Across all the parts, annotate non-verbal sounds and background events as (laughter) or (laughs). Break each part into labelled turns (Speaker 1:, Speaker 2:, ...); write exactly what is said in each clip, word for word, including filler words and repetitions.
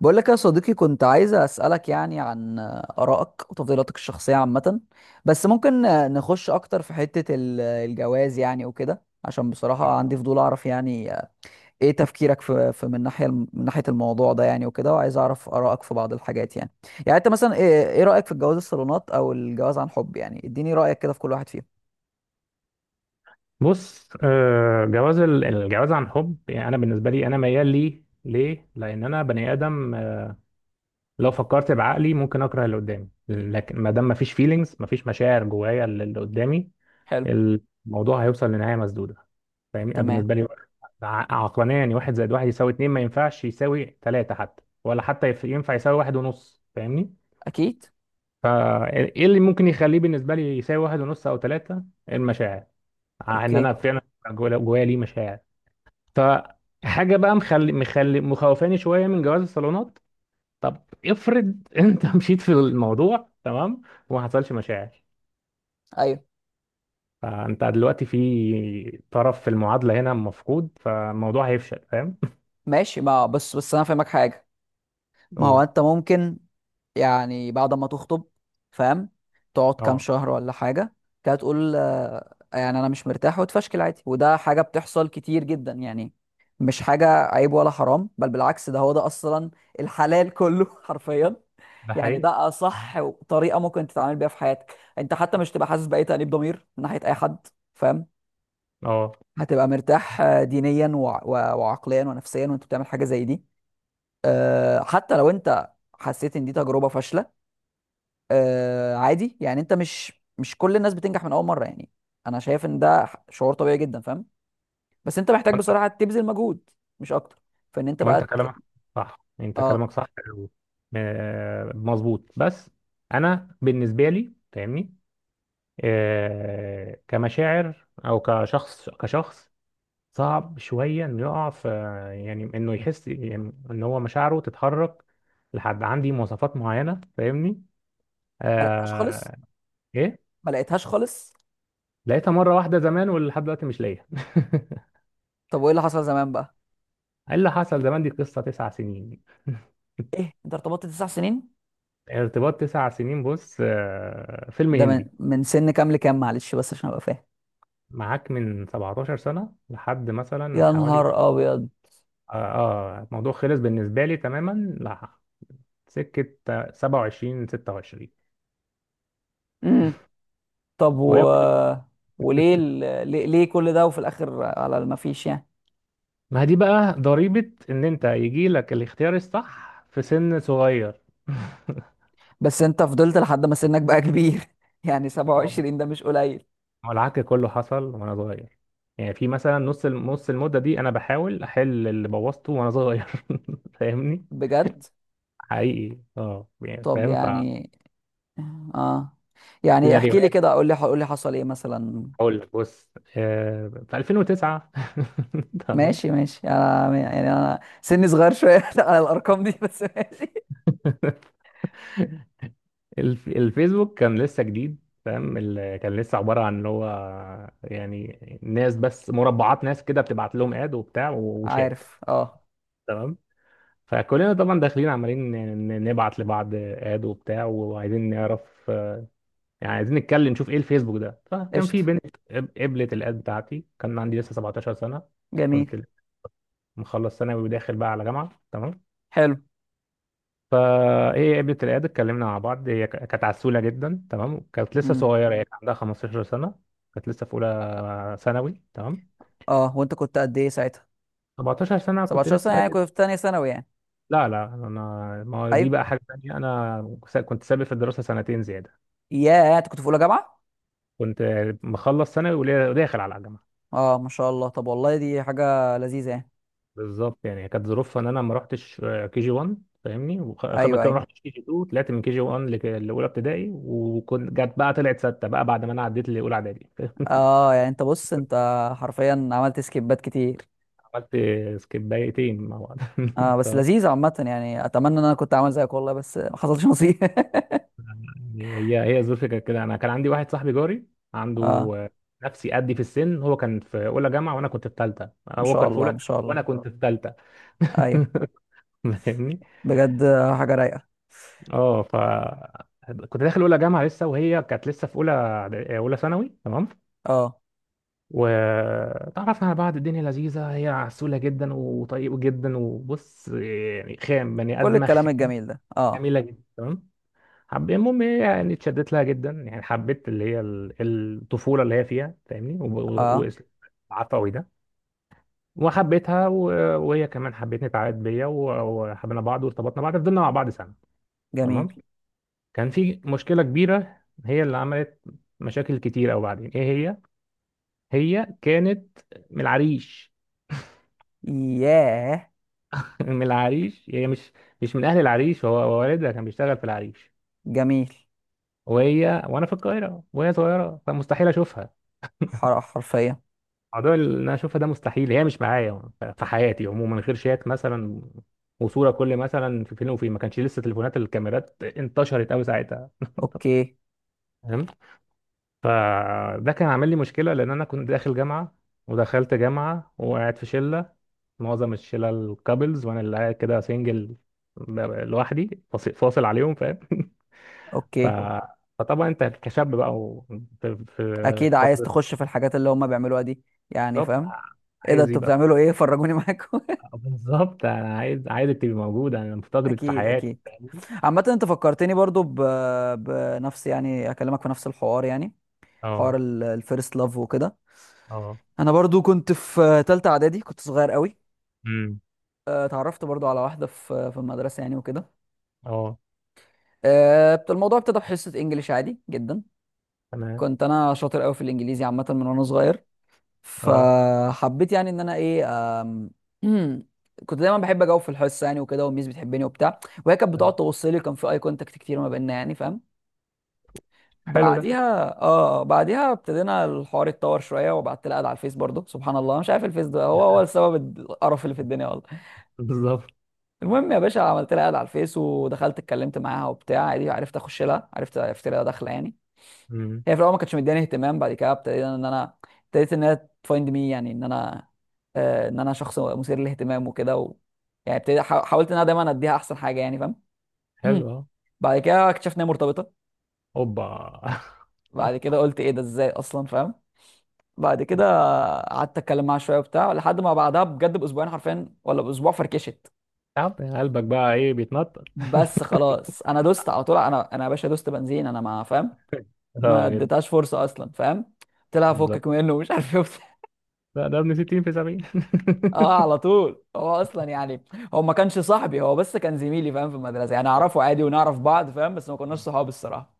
Speaker 1: بقول لك يا صديقي، كنت عايز أسألك يعني عن آرائك وتفضيلاتك الشخصية عامة. بس ممكن نخش أكتر في حتة ال- الجواز يعني وكده، عشان بصراحة عندي
Speaker 2: اه
Speaker 1: فضول أعرف يعني إيه تفكيرك في في من ناحية الم- من ناحية الموضوع ده يعني وكده، وعايز أعرف آرائك في بعض الحاجات يعني يعني أنت مثلا إيه إيه رأيك في الجواز الصالونات أو الجواز عن حب؟ يعني إديني رأيك كده في كل واحد فيهم.
Speaker 2: بص، آه، جواز ال- الجواز عن حب يعني انا بالنسبه لي انا ميال ليه ليه لان انا بني ادم. آه، لو فكرت بعقلي ممكن اكره اللي قدامي، لكن ما دام ما فيش فيلينجز، ما فيش مشاعر جوايا للي قدامي،
Speaker 1: حلو.
Speaker 2: الموضوع هيوصل لنهايه مسدوده. فاهمني؟ انا
Speaker 1: تمام.
Speaker 2: بالنسبه لي ع- عقلانيا يعني واحد زائد واحد يساوي اتنين، ما ينفعش يساوي تلاته، حتى ولا حتى يف- ينفع يساوي واحد ونص. فاهمني؟
Speaker 1: أكيد.
Speaker 2: فايه اللي ممكن يخليه بالنسبه لي يساوي واحد ونص او تلاته؟ المشاعر، ع- ان
Speaker 1: أوكي.
Speaker 2: انا فعلا جوايا جوايا ليه مشاعر. فحاجه بقى مخلي مخلي مخوفاني شويه من جواز الصالونات. طب افرض (laughs) انت مشيت في الموضوع تمام وما حصلش مشاعر،
Speaker 1: أيوه.
Speaker 2: فانت دلوقتي في طرف في المعادله هنا مفقود، فالموضوع هيفشل. فاهم؟
Speaker 1: ماشي. ما بس بس أنا فاهمك حاجة.
Speaker 2: (laughs)
Speaker 1: ما هو
Speaker 2: قول.
Speaker 1: أنت ممكن، يعني بعد ما تخطب، فاهم، تقعد كام
Speaker 2: اه،
Speaker 1: شهر ولا حاجة، كده تقول آه، يعني أنا مش مرتاح، وتفشكل عادي. وده حاجة بتحصل كتير جدا يعني، مش حاجة عيب ولا حرام، بل بالعكس، ده هو ده أصلا الحلال كله (laughs) حرفيا.
Speaker 2: ده
Speaker 1: يعني
Speaker 2: حقيقي.
Speaker 1: ده أصح طريقة ممكن تتعامل بيها في حياتك أنت، حتى مش تبقى حاسس بأي تأنيب ضمير من ناحية أي حد، فاهم.
Speaker 2: اه،
Speaker 1: هتبقى مرتاح آه، دينيا وع- وع- وعقليا ونفسيا وأنت بتعمل حاجة زي دي. آه، حتى لو أنت حسيت إن دي تجربة فاشلة، آه عادي يعني. انت مش مش كل الناس بتنجح من اول مره يعني. انا شايف ان ده ح- شعور طبيعي جدا، فاهم. بس انت محتاج
Speaker 2: وانت
Speaker 1: بصراحه تبذل مجهود، مش اكتر. فان انت بقى
Speaker 2: وانت
Speaker 1: ت...
Speaker 2: كلامك صح، انت
Speaker 1: اه.
Speaker 2: كلامك صح. و- آه، مظبوط. بس انا بالنسبه لي فاهمني، آه، كمشاعر او كشخص، كشخص صعب شوية انه يقع في، يعني انه يحس يعني ان هو مشاعره تتحرك لحد عندي مواصفات معينة. فاهمني؟
Speaker 1: ما لقيتهاش خالص.
Speaker 2: آه. ايه،
Speaker 1: ما لقيتهاش خالص.
Speaker 2: لقيتها مرة واحدة زمان ولحد دلوقتي مش لاقيها.
Speaker 1: طب وايه اللي حصل زمان بقى؟
Speaker 2: (laughs) ايه اللي حصل زمان؟ دي قصة تسع سنين. (laughs)
Speaker 1: ايه انت ارتبطت تسع سنين؟
Speaker 2: ارتباط تسع سنين. بص، آه فيلم
Speaker 1: ده من
Speaker 2: هندي.
Speaker 1: من سن كام لكام؟ معلش بس عشان ابقى فاهم.
Speaker 2: معاك من سبعتاشر سنة لحد مثلا
Speaker 1: يا
Speaker 2: حوالي،
Speaker 1: نهار ابيض.
Speaker 2: اه، آه الموضوع خلص بالنسبة لي تماما لح- سكة، آه، سبعة وعشرين، ستة وعشرين.
Speaker 1: امم طب،
Speaker 2: وهي،
Speaker 1: و وليه ال... ليه... ليه كل ده وفي الاخر على ما فيش يعني؟
Speaker 2: ما هي دي بقى ضريبة ان انت يجي لك الاختيار الصح في سن صغير. (laughs)
Speaker 1: بس انت فضلت لحد ما سنك بقى كبير (laughs) يعني
Speaker 2: آه.
Speaker 1: سبع وعشرين ده مش قليل.
Speaker 2: هو العك كله حصل وانا صغير، يعني في مثلا نص الم- نص المدة دي انا بحاول احل اللي بوظته وانا صغير. (laughs) فاهمني؟
Speaker 1: بجد.
Speaker 2: حقيقي، اه يعني،
Speaker 1: طب
Speaker 2: فاهم؟ ف،
Speaker 1: يعني اه. يعني احكي لي
Speaker 2: سيناريوهات.
Speaker 1: كده، قول لي قول لي حصل ايه مثلا.
Speaker 2: اقول لك، بص، آه في الفين وتسعة، (laughs) تمام.
Speaker 1: ماشي ماشي، انا يعني انا سني صغير شويه (laughs) على الارقام دي، بس ماشي.
Speaker 2: (laughs) الف- الفيسبوك كان لسه جديد، فاهم؟ ال- كان لسه عبارة عن اللي هو، يعني ناس بس، مربعات ناس كده بتبعت لهم اد وبتاع و- وشات.
Speaker 1: عارف. اه.
Speaker 2: تمام؟ فكلنا طبعا داخلين عمالين ن- نبعت لبعض اد وبتاع وعايزين نعرف، يعني عايزين نتكلم نشوف ايه الفيسبوك ده. فكان
Speaker 1: قشطه.
Speaker 2: في بنت قب- قبلت الاد بتاعتي. كان عندي لسه سبعتاشر سنة،
Speaker 1: جميل.
Speaker 2: كنت مخلص ثانوي وداخل بقى على جامعة. تمام؟
Speaker 1: حلو.
Speaker 2: فايه، قابلت العياده، اتكلمنا مع بعض، هي ك- كانت عسوله جدا. تمام؟ كانت لسه
Speaker 1: امم.
Speaker 2: صغيره هي، مم. كان عندها خمسة عشر سنه، كانت لسه في اولى ثانوي. تمام؟
Speaker 1: اه. وانت كنت قد ايه ساعتها؟
Speaker 2: اربعتاشر سنه كنت
Speaker 1: سبعتاشر سنه
Speaker 2: لسه،
Speaker 1: يعني كنت في تانية ثانوي يعني.
Speaker 2: لا لا انا، ما هو دي
Speaker 1: ايوه.
Speaker 2: بقى حاجه تانيه، انا س- كنت سابق في الدراسه سنتين زياده.
Speaker 1: ياه، انت كنت في اولى جامعه.
Speaker 2: كنت مخلص ثانوي ولا- وداخل على الجامعه.
Speaker 1: اه، ما شاء الله. طب والله دي حاجه لذيذه يعني.
Speaker 2: بالظبط، يعني كانت ظروفها ان انا ما رحتش كي جي واحد فاهمني، وخ- خ- ما
Speaker 1: ايوه
Speaker 2: كان-
Speaker 1: ايوه.
Speaker 2: رحتش كي جي اتنين، طلعت من كي جي واحد لاولى ابتدائي، وكنت جت بقى طلعت سته بقى بعد ما انا عديت لاولى اعدادي. (laughs)
Speaker 1: اه يعني انت بص، انت حرفيا عملت سكيبات كتير.
Speaker 2: عملت سكيب دقيقتين مع بعض.
Speaker 1: اه،
Speaker 2: (laughs)
Speaker 1: بس
Speaker 2: طب،
Speaker 1: لذيذ عامة يعني، اتمنى ان انا كنت عامل زيك والله، بس ما حصلش نصيب.
Speaker 2: يعني هي، هي الظروف كانت كده. انا كان عندي واحد صاحبي جاري
Speaker 1: (laughs)
Speaker 2: عنده،
Speaker 1: اه،
Speaker 2: آه، نفسي قدي في السن. هو كان في اولى جامعه وانا كنت في ثالثه،
Speaker 1: ما
Speaker 2: هو
Speaker 1: شاء
Speaker 2: كان في
Speaker 1: الله
Speaker 2: اولى
Speaker 1: ما
Speaker 2: ثانوي
Speaker 1: شاء الله.
Speaker 2: وانا كنت في ثالثه.
Speaker 1: ايوه.
Speaker 2: (laughs) فاهمني؟
Speaker 1: بجد آه، حاجة رايقة.
Speaker 2: اه، ف، كنت داخل اولى جامعه لسه وهي كانت لسه في اولى اولى ثانوي. تمام؟
Speaker 1: اه
Speaker 2: وتعرفنا على بعض. الدنيا لذيذه، هي عسوله جدا وطيبه جدا، وبص يعني خام، بني
Speaker 1: كل
Speaker 2: ادمه
Speaker 1: الكلام
Speaker 2: خام،
Speaker 1: الجميل ده. اه
Speaker 2: جميله جدا. تمام؟ حبيت، المهم، هي يعني اتشدت لها جدا، يعني حبيت اللي هي ال- الطفولة اللي هي فيها، فاهمني؟
Speaker 1: اه.
Speaker 2: وعفوي ده، وحبيتها و- وهي كمان حبتني، اتعقدت بيا و- وحبينا بعض وارتبطنا بعض، فضلنا مع بعض سنة.
Speaker 1: جميل.
Speaker 2: تمام؟ كان في مشكلة كبيرة هي اللي عملت مشاكل كتير قوي بعدين. ايه هي؟ هي كانت من العريش.
Speaker 1: ياه.
Speaker 2: (laughs) من العريش، هي مش مش من اهل العريش، هو هو والدها كان بيشتغل في العريش،
Speaker 1: جميل.
Speaker 2: وهي وانا في القاهرة وهي صغيرة، فمستحيل اشوفها.
Speaker 1: حر- حرفيا.
Speaker 2: موضوع اللي انا اشوفها ده مستحيل، هي مش معايا ف- في حياتي عموما غير شات مثلا، وصوره كل مثلا في فيلم وفيلم. ما كانش لسه تليفونات الكاميرات انتشرت قوي ساعتها،
Speaker 1: اوكي
Speaker 2: فاهم؟ فده كان عامل لي مشكله، لان انا كنت داخل جامعه، ودخلت جامعه وقاعد في شله، معظم الشله الكابلز، وانا اللي قاعد كده سنجل لوحدي، فاصل فاصل عليهم، فاهم؟ (laughs) ف،
Speaker 1: اوكي.
Speaker 2: فطبعا انت كشاب بقى و- في في
Speaker 1: اكيد، عايز
Speaker 2: فتره،
Speaker 1: تخش في الحاجات اللي هم بيعملوها دي يعني،
Speaker 2: بالظبط،
Speaker 1: فاهم. ايه ده،
Speaker 2: عايز
Speaker 1: انتوا
Speaker 2: يبقى.
Speaker 1: بتعملوا ايه؟ فرجوني معاكم.
Speaker 2: بالظبط، انا عايز، عايزك تبقي موجوده، انا
Speaker 1: (laughs)
Speaker 2: مفتقدك في
Speaker 1: اكيد
Speaker 2: حياتي
Speaker 1: اكيد.
Speaker 2: فاهمني؟
Speaker 1: عامة انت فكرتني برضو ب... بنفس يعني، اكلمك في نفس الحوار يعني، حوار
Speaker 2: اه،
Speaker 1: الفيرست لاف وكده.
Speaker 2: اه،
Speaker 1: انا برضو كنت في تالتة اعدادي، كنت صغير قوي.
Speaker 2: امم،
Speaker 1: آه، اتعرفت برضو على واحدة في في المدرسة يعني وكده.
Speaker 2: اه،
Speaker 1: آه، بت- الموضوع ابتدى بحصة انجليش عادي جدا.
Speaker 2: تمام.
Speaker 1: كنت انا شاطر قوي في الانجليزي عامة من وانا صغير.
Speaker 2: اه،
Speaker 1: فحبيت يعني ان انا ايه، آم، (clears throat) كنت دايما بحب اجاوب في الحصة يعني وكده، والميس بتحبني وبتاع، وهي كانت
Speaker 2: طب.
Speaker 1: بتقعد تبص لي. كان في اي كونتاكت كتير ما بيننا يعني، فاهم.
Speaker 2: حلو ده،
Speaker 1: بعديها اه آه، بعديها ابتدينا الحوار يتطور شويه، وبعت لها على الفيس برضو. سبحان الله، مش عارف، الفيس ده هو هو السبب القرف اللي في الدنيا والله.
Speaker 2: بالظبط.
Speaker 1: المهم يا باشا، عملت لها اد على الفيس ودخلت اتكلمت معاها وبتاع عادي. عرفت اخش لها، عرفت عرفت لها داخله يعني.
Speaker 2: امم.
Speaker 1: هي في الاول ما كانتش مداني اهتمام. بعد كده ابتديت ان انا ابتديت ان هي تفايند مي، يعني ان انا آه، ان انا شخص مثير للاهتمام وكده و... يعني ابتديت حا- حاولت ان انا دايما اديها احسن حاجه يعني، فاهم.
Speaker 2: حلو.
Speaker 1: (clears throat)
Speaker 2: اه.
Speaker 1: بعد كده اكتشفت ان هي مرتبطه.
Speaker 2: اوبا. (laughs)
Speaker 1: بعد كده قلت ايه ده، ازاي اصلا، فاهم. بعد كده قعدت اتكلم معاها شويه وبتاع لحد ما بعدها بجد باسبوعين حرفيا ولا باسبوع، فركشت.
Speaker 2: تعب قلبك بقى، ايه بيتنطط؟
Speaker 1: بس خلاص، انا دوست على طول. انا انا يا باشا دوست بنزين. انا ما فاهم، ما
Speaker 2: اه جدا،
Speaker 1: اديتهاش فرصه اصلا، فاهم. قلت لها
Speaker 2: بالظبط.
Speaker 1: فكك منه ومش عارف ايه وبتاع. (laughs)
Speaker 2: لا ده ابن ستين في سبعين.
Speaker 1: اه
Speaker 2: (laughs)
Speaker 1: على طول. هو اصلا يعني، هو ما كانش صاحبي، هو بس كان زميلي، فاهم، في المدرسه يعني،
Speaker 2: آه.
Speaker 1: اعرفه عادي ونعرف بعض، فاهم، بس ما كناش
Speaker 2: مم.
Speaker 1: صحاب الصراحه.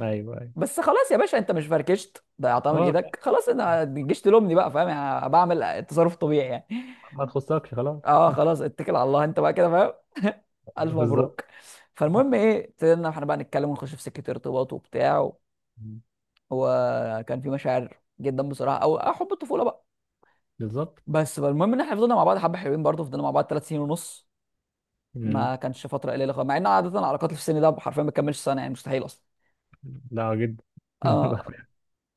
Speaker 2: ايوه، ايوه.
Speaker 1: بس خلاص يا باشا، انت مش فركشت، ضيعتها من
Speaker 2: خلاص بقى،
Speaker 1: ايدك خلاص، انا تجيش تلومني بقى، فاهم، يعني بعمل التصرف طبيعي يعني.
Speaker 2: ما تخصكش خلاص.
Speaker 1: اه خلاص، اتكل على الله انت بقى كده، فاهم. (laughs) الف
Speaker 2: (laughs) بالظبط.
Speaker 1: مبروك. فالمهم ايه، ابتدينا احنا بقى نتكلم ونخش في سكه ارتباط وبتاع و-
Speaker 2: مم.
Speaker 1: وكان في مشاعر جدا بصراحه او أو حب الطفوله بقى.
Speaker 2: بالظبط.
Speaker 1: بس بقى المهم ان احنا فضلنا مع بعض حبه حلوين، برضه فضلنا مع بعض ثلاث سنين ونص.
Speaker 2: مم.
Speaker 1: ما كانش فتره قليله خالص، مع ان عاده العلاقات اللي في السن ده حرفيا ما بتكملش سنه يعني، مستحيل اصلا.
Speaker 2: لا، جدا.
Speaker 1: آه.
Speaker 2: (laughs)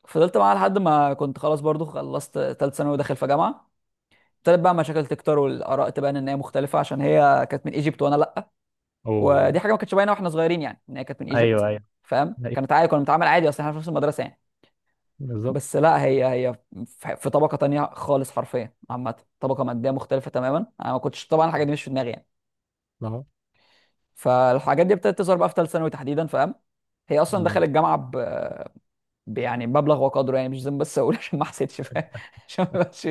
Speaker 1: فضلت معاها لحد ما كنت خلاص، برضه خلصت ثالث ثانوي وداخل في جامعه. ابتدت بقى مشاكل تكتر والاراء تبان ان هي مختلفه، عشان هي كانت من ايجيبت وانا لا.
Speaker 2: اوه.
Speaker 1: ودي حاجه ما كانتش باينه واحنا صغيرين يعني، ان هي كانت من ايجيبت،
Speaker 2: ايوه، ايوه.
Speaker 1: فاهم.
Speaker 2: أيوة.
Speaker 1: كانت عادي، كنا بنتعامل عادي، اصل احنا في نفس المدرسه يعني.
Speaker 2: بالظبط.
Speaker 1: بس لا، هي هي في في طبقه تانية خالص حرفيا. عامه طبقه ماديه مختلفه تماما. انا ما كنتش طبعا، الحاجه دي مش في دماغي يعني.
Speaker 2: آه.
Speaker 1: فالحاجات دي ابتدت تظهر بقى في ثالث ثانوي تحديدا، فاهم. هي اصلا
Speaker 2: مم.
Speaker 1: دخلت الجامعه ب... ب... يعني مبلغ وقدره يعني، مش لازم بس اقول (laughs) عشان ما حسيتش، فاهم. (laughs) عشان ما يبقاش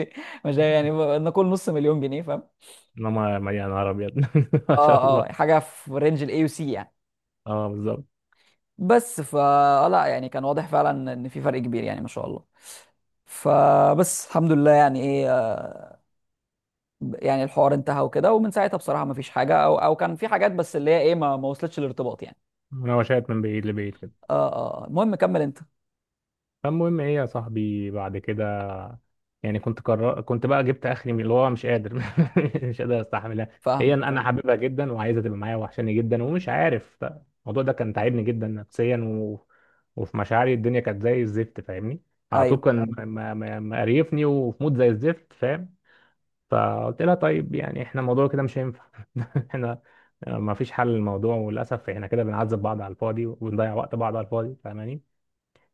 Speaker 1: مش يعني، نقول نص مليون جنيه فاهم.
Speaker 2: انما مليان، نهار ابيض. (laughs)
Speaker 1: اه
Speaker 2: ما شاء
Speaker 1: اه،
Speaker 2: الله.
Speaker 1: حاجه في رينج الاي وسي يعني.
Speaker 2: اه، بالظبط.
Speaker 1: بس فا لا يعني كان واضح فعلا ان في فرق كبير يعني، ما شاء الله. فبس الحمد لله يعني ايه، آه، يعني الحوار انتهى وكده. ومن ساعتها بصراحه ما فيش حاجه، او او كان في حاجات بس اللي هي ايه، ما, ما وصلتش الارتباط يعني.
Speaker 2: انا وشيت من بعيد لبعيد كده.
Speaker 1: اه اه آه. المهم كمل انت.
Speaker 2: فالمهم ايه يا صاحبي بعد كده، يعني كنت قرر، كنت بقى جبت اخري من- اللي هو مش قادر، (laughs) مش قادر استحملها. هي انا،
Speaker 1: فاهمك.
Speaker 2: أنا حاببها جدا وعايزه تبقى معايا وحشاني جدا ومش عارف. الموضوع ده كان تعبني جدا نفسيا، و، وفي مشاعري الدنيا كانت زي الزفت، فاهمني؟ على طول
Speaker 1: ايوه.
Speaker 2: كان م- م- م- مقريفني وفي مود زي الزفت، فاهم؟ فقلت لها، طيب يعني احنا الموضوع كده مش هينفع، (laughs) احنا ما فيش حل للموضوع، وللاسف احنا كده بنعذب بعض على الفاضي وبنضيع وقت بعض على الفاضي، فاهماني؟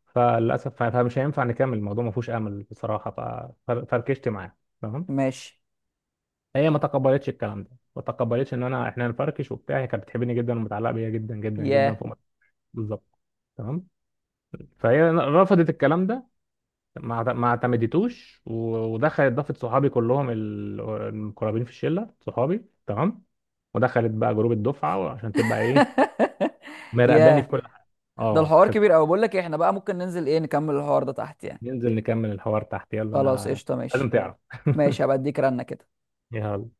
Speaker 2: فللاسف فمش هينفع نكمل الموضوع، ما فيهوش امل بصراحه. ففركشت معاها، تمام.
Speaker 1: ماشي.
Speaker 2: هي ما تقبلتش الكلام ده، ما تقبلتش ان انا، احنا نفركش وبتاع. هي كانت بتحبني جدا ومتعلقه بيا جدا جدا جدا،
Speaker 1: ياه.
Speaker 2: فوق ما، بالظبط. تمام؟ فهي رفضت الكلام ده، ما اعت- ما اعتمدتوش، و- ودخلت ضافت صحابي كلهم، ال- المقربين في الشله، صحابي. تمام؟ ودخلت بقى جروب الدفعه عشان تبقى ايه،
Speaker 1: (laughs)
Speaker 2: مراقباني في
Speaker 1: ياه،
Speaker 2: كل حاجه.
Speaker 1: ده
Speaker 2: اه.
Speaker 1: الحوار كبير قوي. بقول لك إيه، احنا بقى ممكن ننزل ايه نكمل الحوار ده تحت يعني.
Speaker 2: ننزل نكمل الحوار تحت، يلا
Speaker 1: خلاص
Speaker 2: انا
Speaker 1: قشطه.
Speaker 2: لازم
Speaker 1: ماشي
Speaker 2: تعرف.
Speaker 1: ماشي،
Speaker 2: (laughs)
Speaker 1: هبقى اديك رنه كده.
Speaker 2: يلا.